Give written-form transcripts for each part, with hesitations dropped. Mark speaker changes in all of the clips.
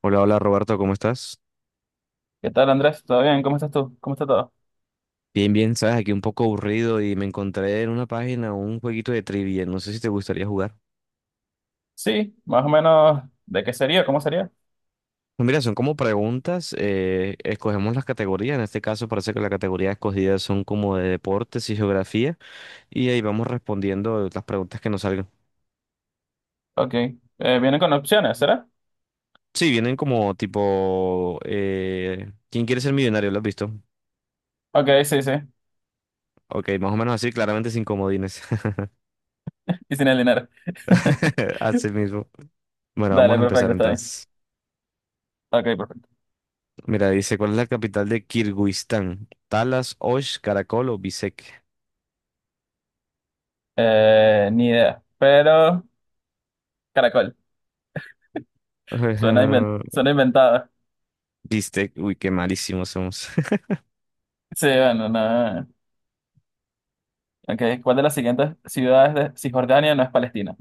Speaker 1: Hola, hola Roberto, ¿cómo estás?
Speaker 2: ¿Qué tal, Andrés? ¿Todo bien? ¿Cómo estás tú? ¿Cómo está todo?
Speaker 1: Bien, bien, sabes, aquí un poco aburrido y me encontré en una página un jueguito de trivia, no sé si te gustaría jugar.
Speaker 2: Sí, más o menos. ¿De qué sería? ¿Cómo sería?
Speaker 1: Pues, mira, son como preguntas, escogemos las categorías. En este caso parece que la categoría escogida son como de deportes y geografía, y ahí vamos respondiendo las preguntas que nos salgan.
Speaker 2: Ok. Vienen con opciones, ¿será?
Speaker 1: Sí, vienen como tipo, ¿quién quiere ser millonario? ¿Lo has visto?
Speaker 2: Ok, sí, sí.
Speaker 1: Ok, más o menos así, claramente sin comodines.
Speaker 2: Y sin el dinero.
Speaker 1: Así mismo. Bueno, vamos
Speaker 2: Dale,
Speaker 1: a empezar
Speaker 2: perfecto, está bien.
Speaker 1: entonces.
Speaker 2: Ok, perfecto.
Speaker 1: Mira, dice, ¿cuál es la capital de Kirguistán? Talas, Osh, Caracol o Bishkek.
Speaker 2: Ni idea. Pero, caracol. Suena,
Speaker 1: Ujú,
Speaker 2: suena inventado.
Speaker 1: Bishkek, uy, qué malísimos somos.
Speaker 2: Sí, bueno, no. Ok, ¿cuál de las siguientes ciudades de Cisjordania no es Palestina?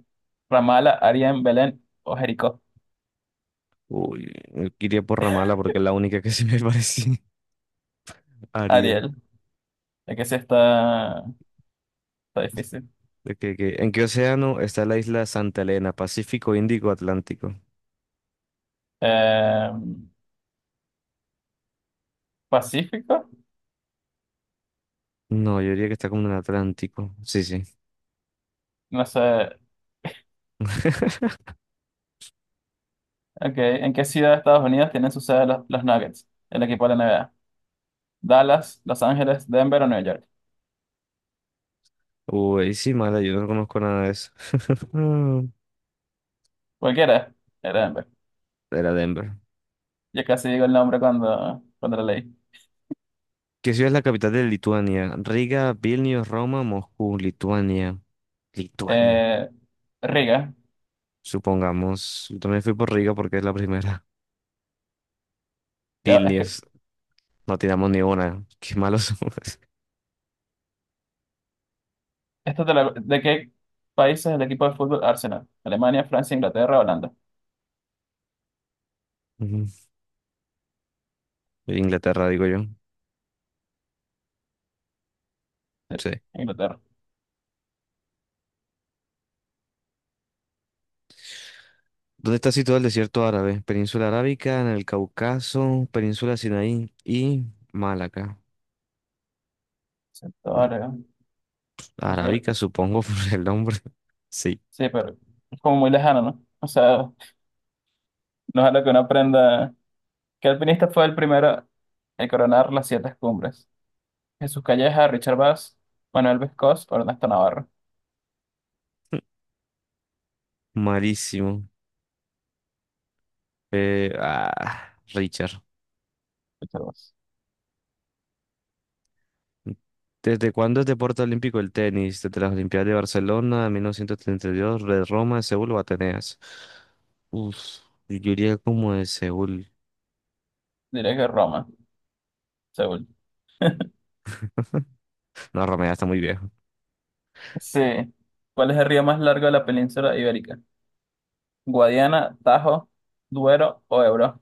Speaker 2: Ramala, Arién, Belén o Jericó.
Speaker 1: Uy, iría por Ramala porque es la única que se me parecía. Ariel.
Speaker 2: Ariel. Es que sí está difícil.
Speaker 1: Ok, ok. ¿En qué océano está la isla Santa Elena? ¿Pacífico, Índico, Atlántico?
Speaker 2: Eh, Pacífico.
Speaker 1: No, yo diría que está como en el Atlántico. Sí, sí.
Speaker 2: No sé. Ok, ¿en qué ciudad de Estados Unidos tienen su sede los Nuggets, el equipo de la NBA? ¿Dallas, Los Ángeles, Denver o Nueva York?
Speaker 1: Uy, sí, mala, yo no conozco nada de eso.
Speaker 2: Cualquiera, era Denver.
Speaker 1: Era Denver.
Speaker 2: Yo casi digo el nombre cuando lo leí.
Speaker 1: ¿Qué ciudad es la capital de Lituania? Riga, Vilnius, Roma, Moscú, Lituania. Lituania.
Speaker 2: Eh, Riga,
Speaker 1: Supongamos. Yo también fui por Riga porque es la primera.
Speaker 2: ya, es que,
Speaker 1: Vilnius. No tiramos ni una. Qué malos somos.
Speaker 2: ¿de qué país es el equipo de fútbol Arsenal? ¿Alemania, Francia, Inglaterra, Holanda?
Speaker 1: Ujú. Inglaterra, digo yo.
Speaker 2: Sí,
Speaker 1: Sí.
Speaker 2: Inglaterra.
Speaker 1: ¿Dónde está situado el desierto árabe? Península Arábica, en el Cáucaso, Península Sinaí y Malaca.
Speaker 2: Sí, ahora, es
Speaker 1: Arábica,
Speaker 2: que-
Speaker 1: supongo, por el nombre. Sí.
Speaker 2: sí, pero es como muy lejano, ¿no? O sea, no es algo que uno aprenda. ¿Qué alpinista fue el primero en coronar las siete cumbres? Jesús Calleja, Richard Bass, Manuel Vescós, Ernesto Navarro.
Speaker 1: Malísimo. Richard.
Speaker 2: Richard Bass.
Speaker 1: ¿Desde cuándo es deporte olímpico el tenis? Desde las Olimpiadas de Barcelona, 1932, de Roma, de Seúl o Atenas. Uf, yo diría como de Seúl.
Speaker 2: Diré que Roma, Seúl.
Speaker 1: No, Roma ya está muy viejo.
Speaker 2: Sí. ¿Cuál es el río más largo de la península ibérica? Guadiana, Tajo, Duero o Ebro.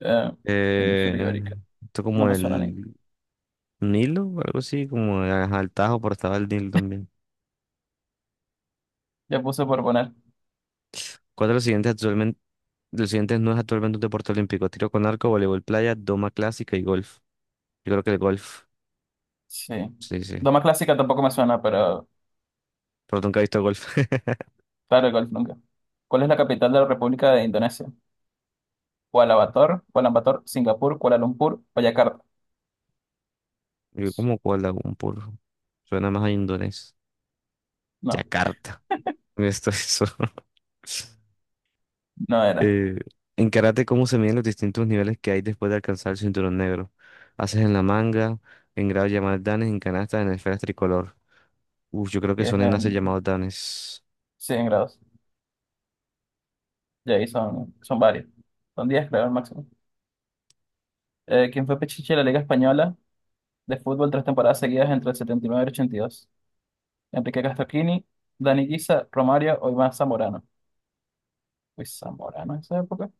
Speaker 2: Eh, península
Speaker 1: Eh,
Speaker 2: ibérica.
Speaker 1: esto
Speaker 2: No
Speaker 1: como
Speaker 2: me suena ni.
Speaker 1: el Nilo, algo así, como ajá, el Tajo, pero estaba el Nilo también.
Speaker 2: Ya puse por poner.
Speaker 1: ¿Cuál de los siguientes actualmente, los siguientes no es actualmente un deporte olímpico? Tiro con arco, voleibol playa, doma clásica y golf. Yo creo que el golf.
Speaker 2: Sí.
Speaker 1: Sí, sí.
Speaker 2: Doma clásica tampoco me suena, pero
Speaker 1: Pero nunca he visto golf.
Speaker 2: claro, igual nunca. ¿Cuál es la capital de la República de Indonesia? Kuala Bator, Kuala Bator, Singapur, Kuala Lumpur o Yakarta.
Speaker 1: Yo como Kuala Lumpur. Suena más a indonés.
Speaker 2: No,
Speaker 1: Yakarta. Esto es eso.
Speaker 2: no era.
Speaker 1: Eh, en karate, ¿cómo se miden los distintos niveles que hay después de alcanzar el cinturón negro? Haces en la manga, en grados llamados danes, en canastas, en esferas tricolor. Uf, yo creo
Speaker 2: Y
Speaker 1: que
Speaker 2: es
Speaker 1: son en haces
Speaker 2: en
Speaker 1: llamados danes.
Speaker 2: 100 grados. Y ahí son varios. Son 10, creo, al máximo. Quien fue Pichichi de la Liga Española de fútbol 3 temporadas seguidas entre el 79 y nueve y el 82. Enrique Castroquini, Dani Guisa, Romario o Iván Zamorano. Uy, Zamorano en esa época.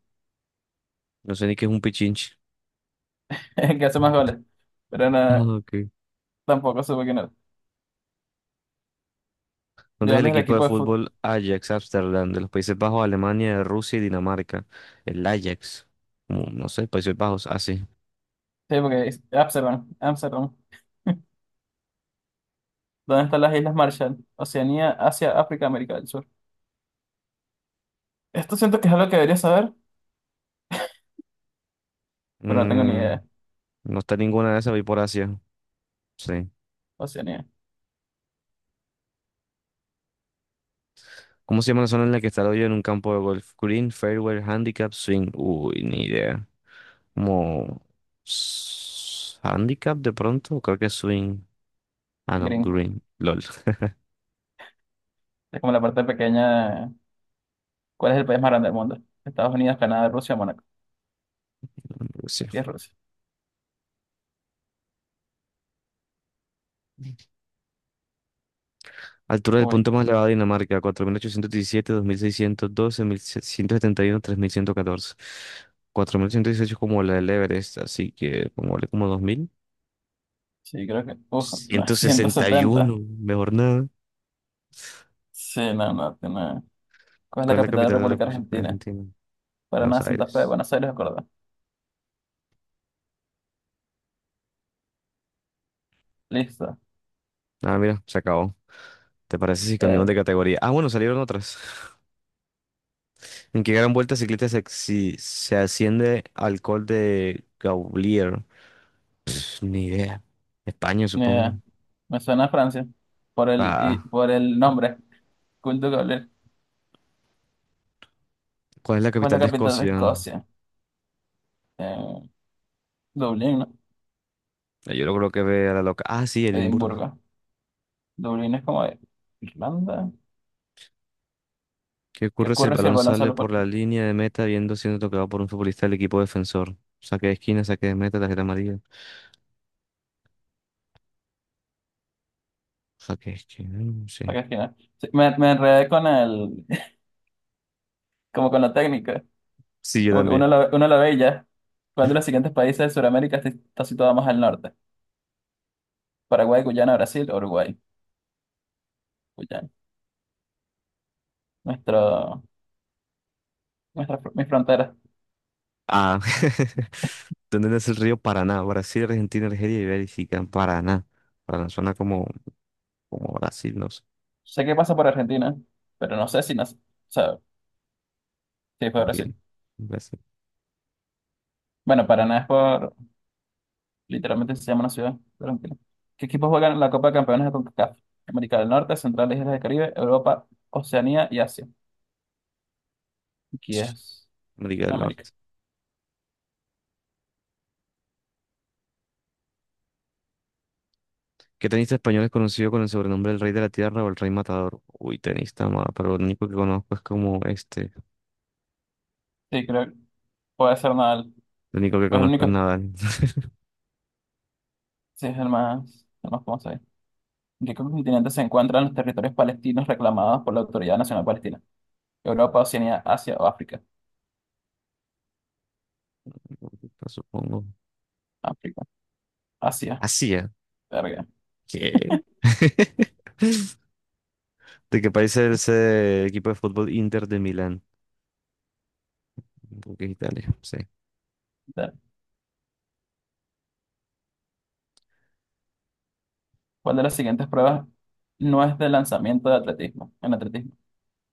Speaker 1: No sé ni qué es un pichinche.
Speaker 2: El que hace más goles. Pero nada,
Speaker 1: Ah, ok.
Speaker 2: tampoco supe quién era. ¿De
Speaker 1: ¿Dónde es el
Speaker 2: dónde es el
Speaker 1: equipo de
Speaker 2: equipo de fútbol?
Speaker 1: fútbol Ajax Amsterdam? De los Países Bajos, Alemania, Rusia y Dinamarca. El Ajax. Mm, no sé, Países Bajos, así.
Speaker 2: Sí, porque es Amsterdam, Amsterdam. ¿Dónde están las Islas Marshall? Oceanía, Asia, África, América del Sur. Esto siento que es algo que debería saber, pero no tengo ni idea.
Speaker 1: No está ninguna de esas, voy por Asia. Sí.
Speaker 2: Oceanía,
Speaker 1: ¿Cómo se llama la zona en la que está el hoyo en un campo de golf? Green, fairway, handicap, swing. Uy, ni idea. Como handicap de pronto, creo que es swing. Ah, no,
Speaker 2: Green.
Speaker 1: green. LOL.
Speaker 2: Es como la parte pequeña. ¿Cuál es el país más grande del mundo? Estados Unidos, Canadá, Rusia, Mónaco.
Speaker 1: Sí.
Speaker 2: Aquí es Rusia.
Speaker 1: Altura del
Speaker 2: Uy,
Speaker 1: punto más elevado de Dinamarca. Cuatro mil ochocientos diecisiete, 2.612, 1.771, tres mil ciento 4.817, 2.612, 1.771, 3.114. 4.118 como la del Everest, así que pongámosle como dos mil
Speaker 2: sí, creo que. Uf, no,
Speaker 1: ciento sesenta y
Speaker 2: 170.
Speaker 1: uno. Mejor nada.
Speaker 2: Sí, no, no, tiene. ¿Cuál es la
Speaker 1: ¿Cuál es la
Speaker 2: capital de la
Speaker 1: capital de la
Speaker 2: República
Speaker 1: República
Speaker 2: Argentina?
Speaker 1: Argentina? Buenos
Speaker 2: Paraná, Santa Fe,
Speaker 1: Aires.
Speaker 2: Buenos Aires, Córdoba. Listo.
Speaker 1: Ah, mira, se acabó. ¿Te parece si cambiamos
Speaker 2: Eh,
Speaker 1: de categoría? Ah, bueno, salieron otras. ¿En qué gran vuelta ciclista se, se asciende al Col de Gaulier? Pff, ni idea. España,
Speaker 2: ni
Speaker 1: supongo.
Speaker 2: idea. Me suena a Francia
Speaker 1: Ah,
Speaker 2: por el nombre. Cool de Gaulle.
Speaker 1: ¿cuál es la
Speaker 2: ¿Cuál es
Speaker 1: capital
Speaker 2: la
Speaker 1: de
Speaker 2: capital de
Speaker 1: Escocia?
Speaker 2: Escocia? Eh, Dublín, ¿no?
Speaker 1: Yo creo que ve a la loca. Ah, sí, Edimburgo.
Speaker 2: Edimburgo. Dublín es como de Irlanda.
Speaker 1: ¿Qué
Speaker 2: ¿Qué
Speaker 1: ocurre si el
Speaker 2: ocurre si el
Speaker 1: balón
Speaker 2: balón
Speaker 1: sale
Speaker 2: sale
Speaker 1: por
Speaker 2: por
Speaker 1: la línea de meta viendo siendo tocado por un futbolista del equipo defensor? Saque de esquina, saque de meta, tarjeta amarilla. Saque de esquina, mm, sí.
Speaker 2: la esquina? Sí, me enredé con el, como con la técnica.
Speaker 1: Sí, yo
Speaker 2: Como que uno
Speaker 1: también.
Speaker 2: la, uno la ve y ya. ¿Cuál de los siguientes países de Sudamérica está situado más al norte? Paraguay, Guyana, Brasil, Uruguay. Guyana. Nuestro, Mi frontera.
Speaker 1: Ah, ¿dónde nace el río Paraná? Brasil, Argentina, Argelia y Bélgica. Paraná. Paraná suena como, como Brasil, no sé.
Speaker 2: Sé que pasa por Argentina, pero no sé si no, o sea, si fue
Speaker 1: Ok,
Speaker 2: Brasil.
Speaker 1: Brasil.
Speaker 2: Bueno, Paraná es por, literalmente se llama una ciudad de Argentina. ¿Qué equipos juegan en la Copa de Campeones de CONCACAF? América del Norte, Central, e Islas del Caribe, Europa, Oceanía y Asia. Aquí es
Speaker 1: América del
Speaker 2: América.
Speaker 1: Norte. ¿Qué tenista español es conocido con el sobrenombre del Rey de la Tierra o el Rey Matador? Uy, tenista, pero lo único que conozco es como este.
Speaker 2: Sí, creo que puede ser nada.
Speaker 1: Lo único que
Speaker 2: Es el
Speaker 1: conozco es
Speaker 2: único,
Speaker 1: Nadal.
Speaker 2: sí, es el más famoso. ¿En qué continente se encuentran los territorios palestinos reclamados por la Autoridad Nacional Palestina? Europa, Oceanía, Asia o África.
Speaker 1: Supongo.
Speaker 2: África. Asia.
Speaker 1: Así es.
Speaker 2: Verga.
Speaker 1: ¿Qué? ¿De qué país es el equipo de fútbol Inter de Milán? Porque es Italia, sí.
Speaker 2: Ver. ¿Cuál de las siguientes pruebas no es de lanzamiento de atletismo? En atletismo.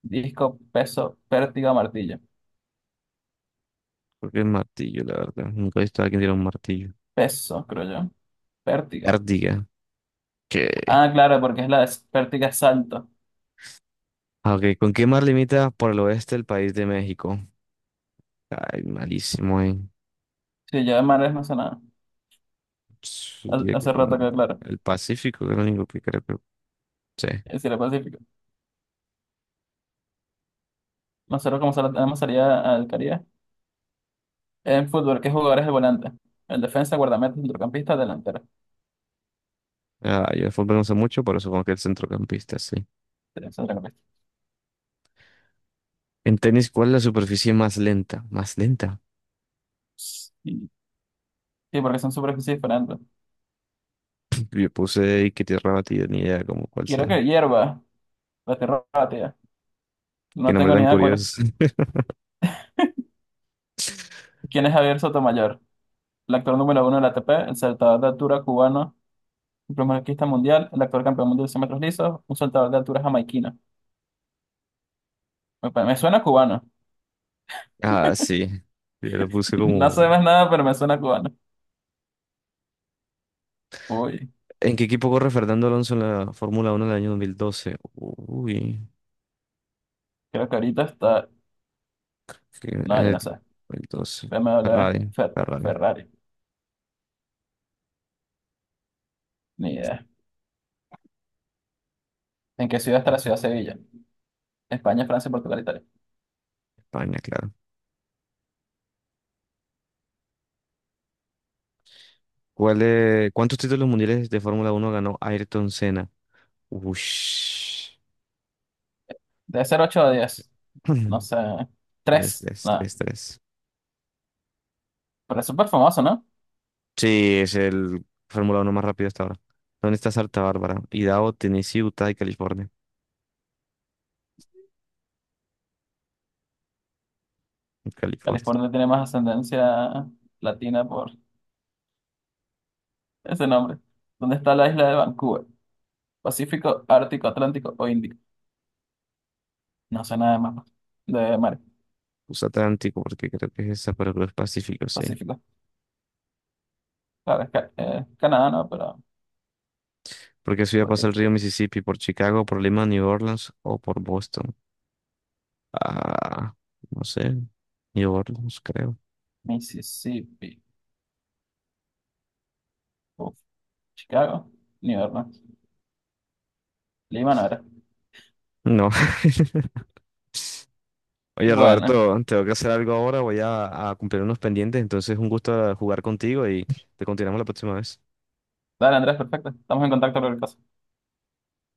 Speaker 2: Disco, peso, pértiga o martillo.
Speaker 1: Porque el martillo, la verdad. Nunca he visto a alguien tirar un martillo.
Speaker 2: Peso, creo yo. Pértiga.
Speaker 1: Ártiga. ¿Qué?
Speaker 2: Ah, claro, porque es la de pértiga es salto.
Speaker 1: Ah, ok, ¿con qué mar limita por el oeste el país de México? Ay, malísimo, eh.
Speaker 2: Si yo de mares no sé nada.
Speaker 1: Yo diría que
Speaker 2: Hace
Speaker 1: como
Speaker 2: rato que claro.
Speaker 1: el Pacífico, que es lo único que creo que sí.
Speaker 2: Es decir, el Pacífico. Nosotros como tenemos salida al Caribe. En fútbol, ¿qué jugador es el volante? El defensa, guardameta, centrocampista, delantero.
Speaker 1: Ah, yo de fútbol no sé mucho, pero supongo que el centrocampista, sí. En tenis, ¿cuál es la superficie más lenta? Más lenta.
Speaker 2: Sí, sí, porque son superficies diferentes.
Speaker 1: Yo puse y que tierra batida, ni idea como cuál
Speaker 2: Quiero
Speaker 1: sea.
Speaker 2: que hierva la tierra.
Speaker 1: Qué
Speaker 2: No
Speaker 1: nombre
Speaker 2: tengo ni
Speaker 1: tan
Speaker 2: idea cuál es.
Speaker 1: curioso.
Speaker 2: ¿Quién es Javier Sotomayor? El actor número uno de la ATP, el saltador de altura cubano, el primer arquista mundial, el actor campeón mundial de 100 metros lisos, un saltador de altura jamaiquino. Me suena cubano.
Speaker 1: Ah, sí. Yo lo puse
Speaker 2: No sé
Speaker 1: como.
Speaker 2: más nada, pero me suena cubano. Uy,
Speaker 1: ¿En qué equipo corre Fernando Alonso en la Fórmula Uno del año 2012? Uy,
Speaker 2: creo que ahorita está.
Speaker 1: en
Speaker 2: No, yo
Speaker 1: el
Speaker 2: no sé.
Speaker 1: 2012.
Speaker 2: BMW,
Speaker 1: Ferrari, Ferrari,
Speaker 2: Ferrari. Ni idea. ¿En qué ciudad está la ciudad de Sevilla? España, Francia, Portugal, Italia.
Speaker 1: España, claro. ¿Cuál, cuántos títulos mundiales de Fórmula Uno ganó Ayrton Senna? Ush.
Speaker 2: Debe ser 8 o 10. No sé.
Speaker 1: Tres,
Speaker 2: 3.
Speaker 1: tres,
Speaker 2: Nada.
Speaker 1: tres, tres.
Speaker 2: Pero es súper famoso, ¿no?
Speaker 1: Sí, es el Fórmula Uno más rápido hasta ahora. ¿Dónde está Santa Bárbara? Idaho, Tennessee, Utah y California. California.
Speaker 2: California tiene más ascendencia latina por ese nombre. ¿Dónde está la isla de Vancouver? ¿Pacífico, Ártico, Atlántico o Índico? No sé nada de mapas de mar.
Speaker 1: USA Atlántico, porque creo que es esa, pero creo que es Pacífico, sí.
Speaker 2: Pacífico. Claro, es Canadá, ¿no? Pero,
Speaker 1: Porque subía a
Speaker 2: ¿por
Speaker 1: pasar
Speaker 2: qué?
Speaker 1: el río Mississippi por Chicago, por Lima, New Orleans o por Boston. Ah, no sé. New Orleans, creo.
Speaker 2: Mississippi. Uf. Chicago. New Orleans. Lima no era.
Speaker 1: No. Oye,
Speaker 2: Bueno,
Speaker 1: Roberto, tengo que hacer algo ahora. Voy a cumplir unos pendientes. Entonces, un gusto jugar contigo y te continuamos la próxima vez.
Speaker 2: dale Andrés, perfecto. Estamos en contacto con el caso.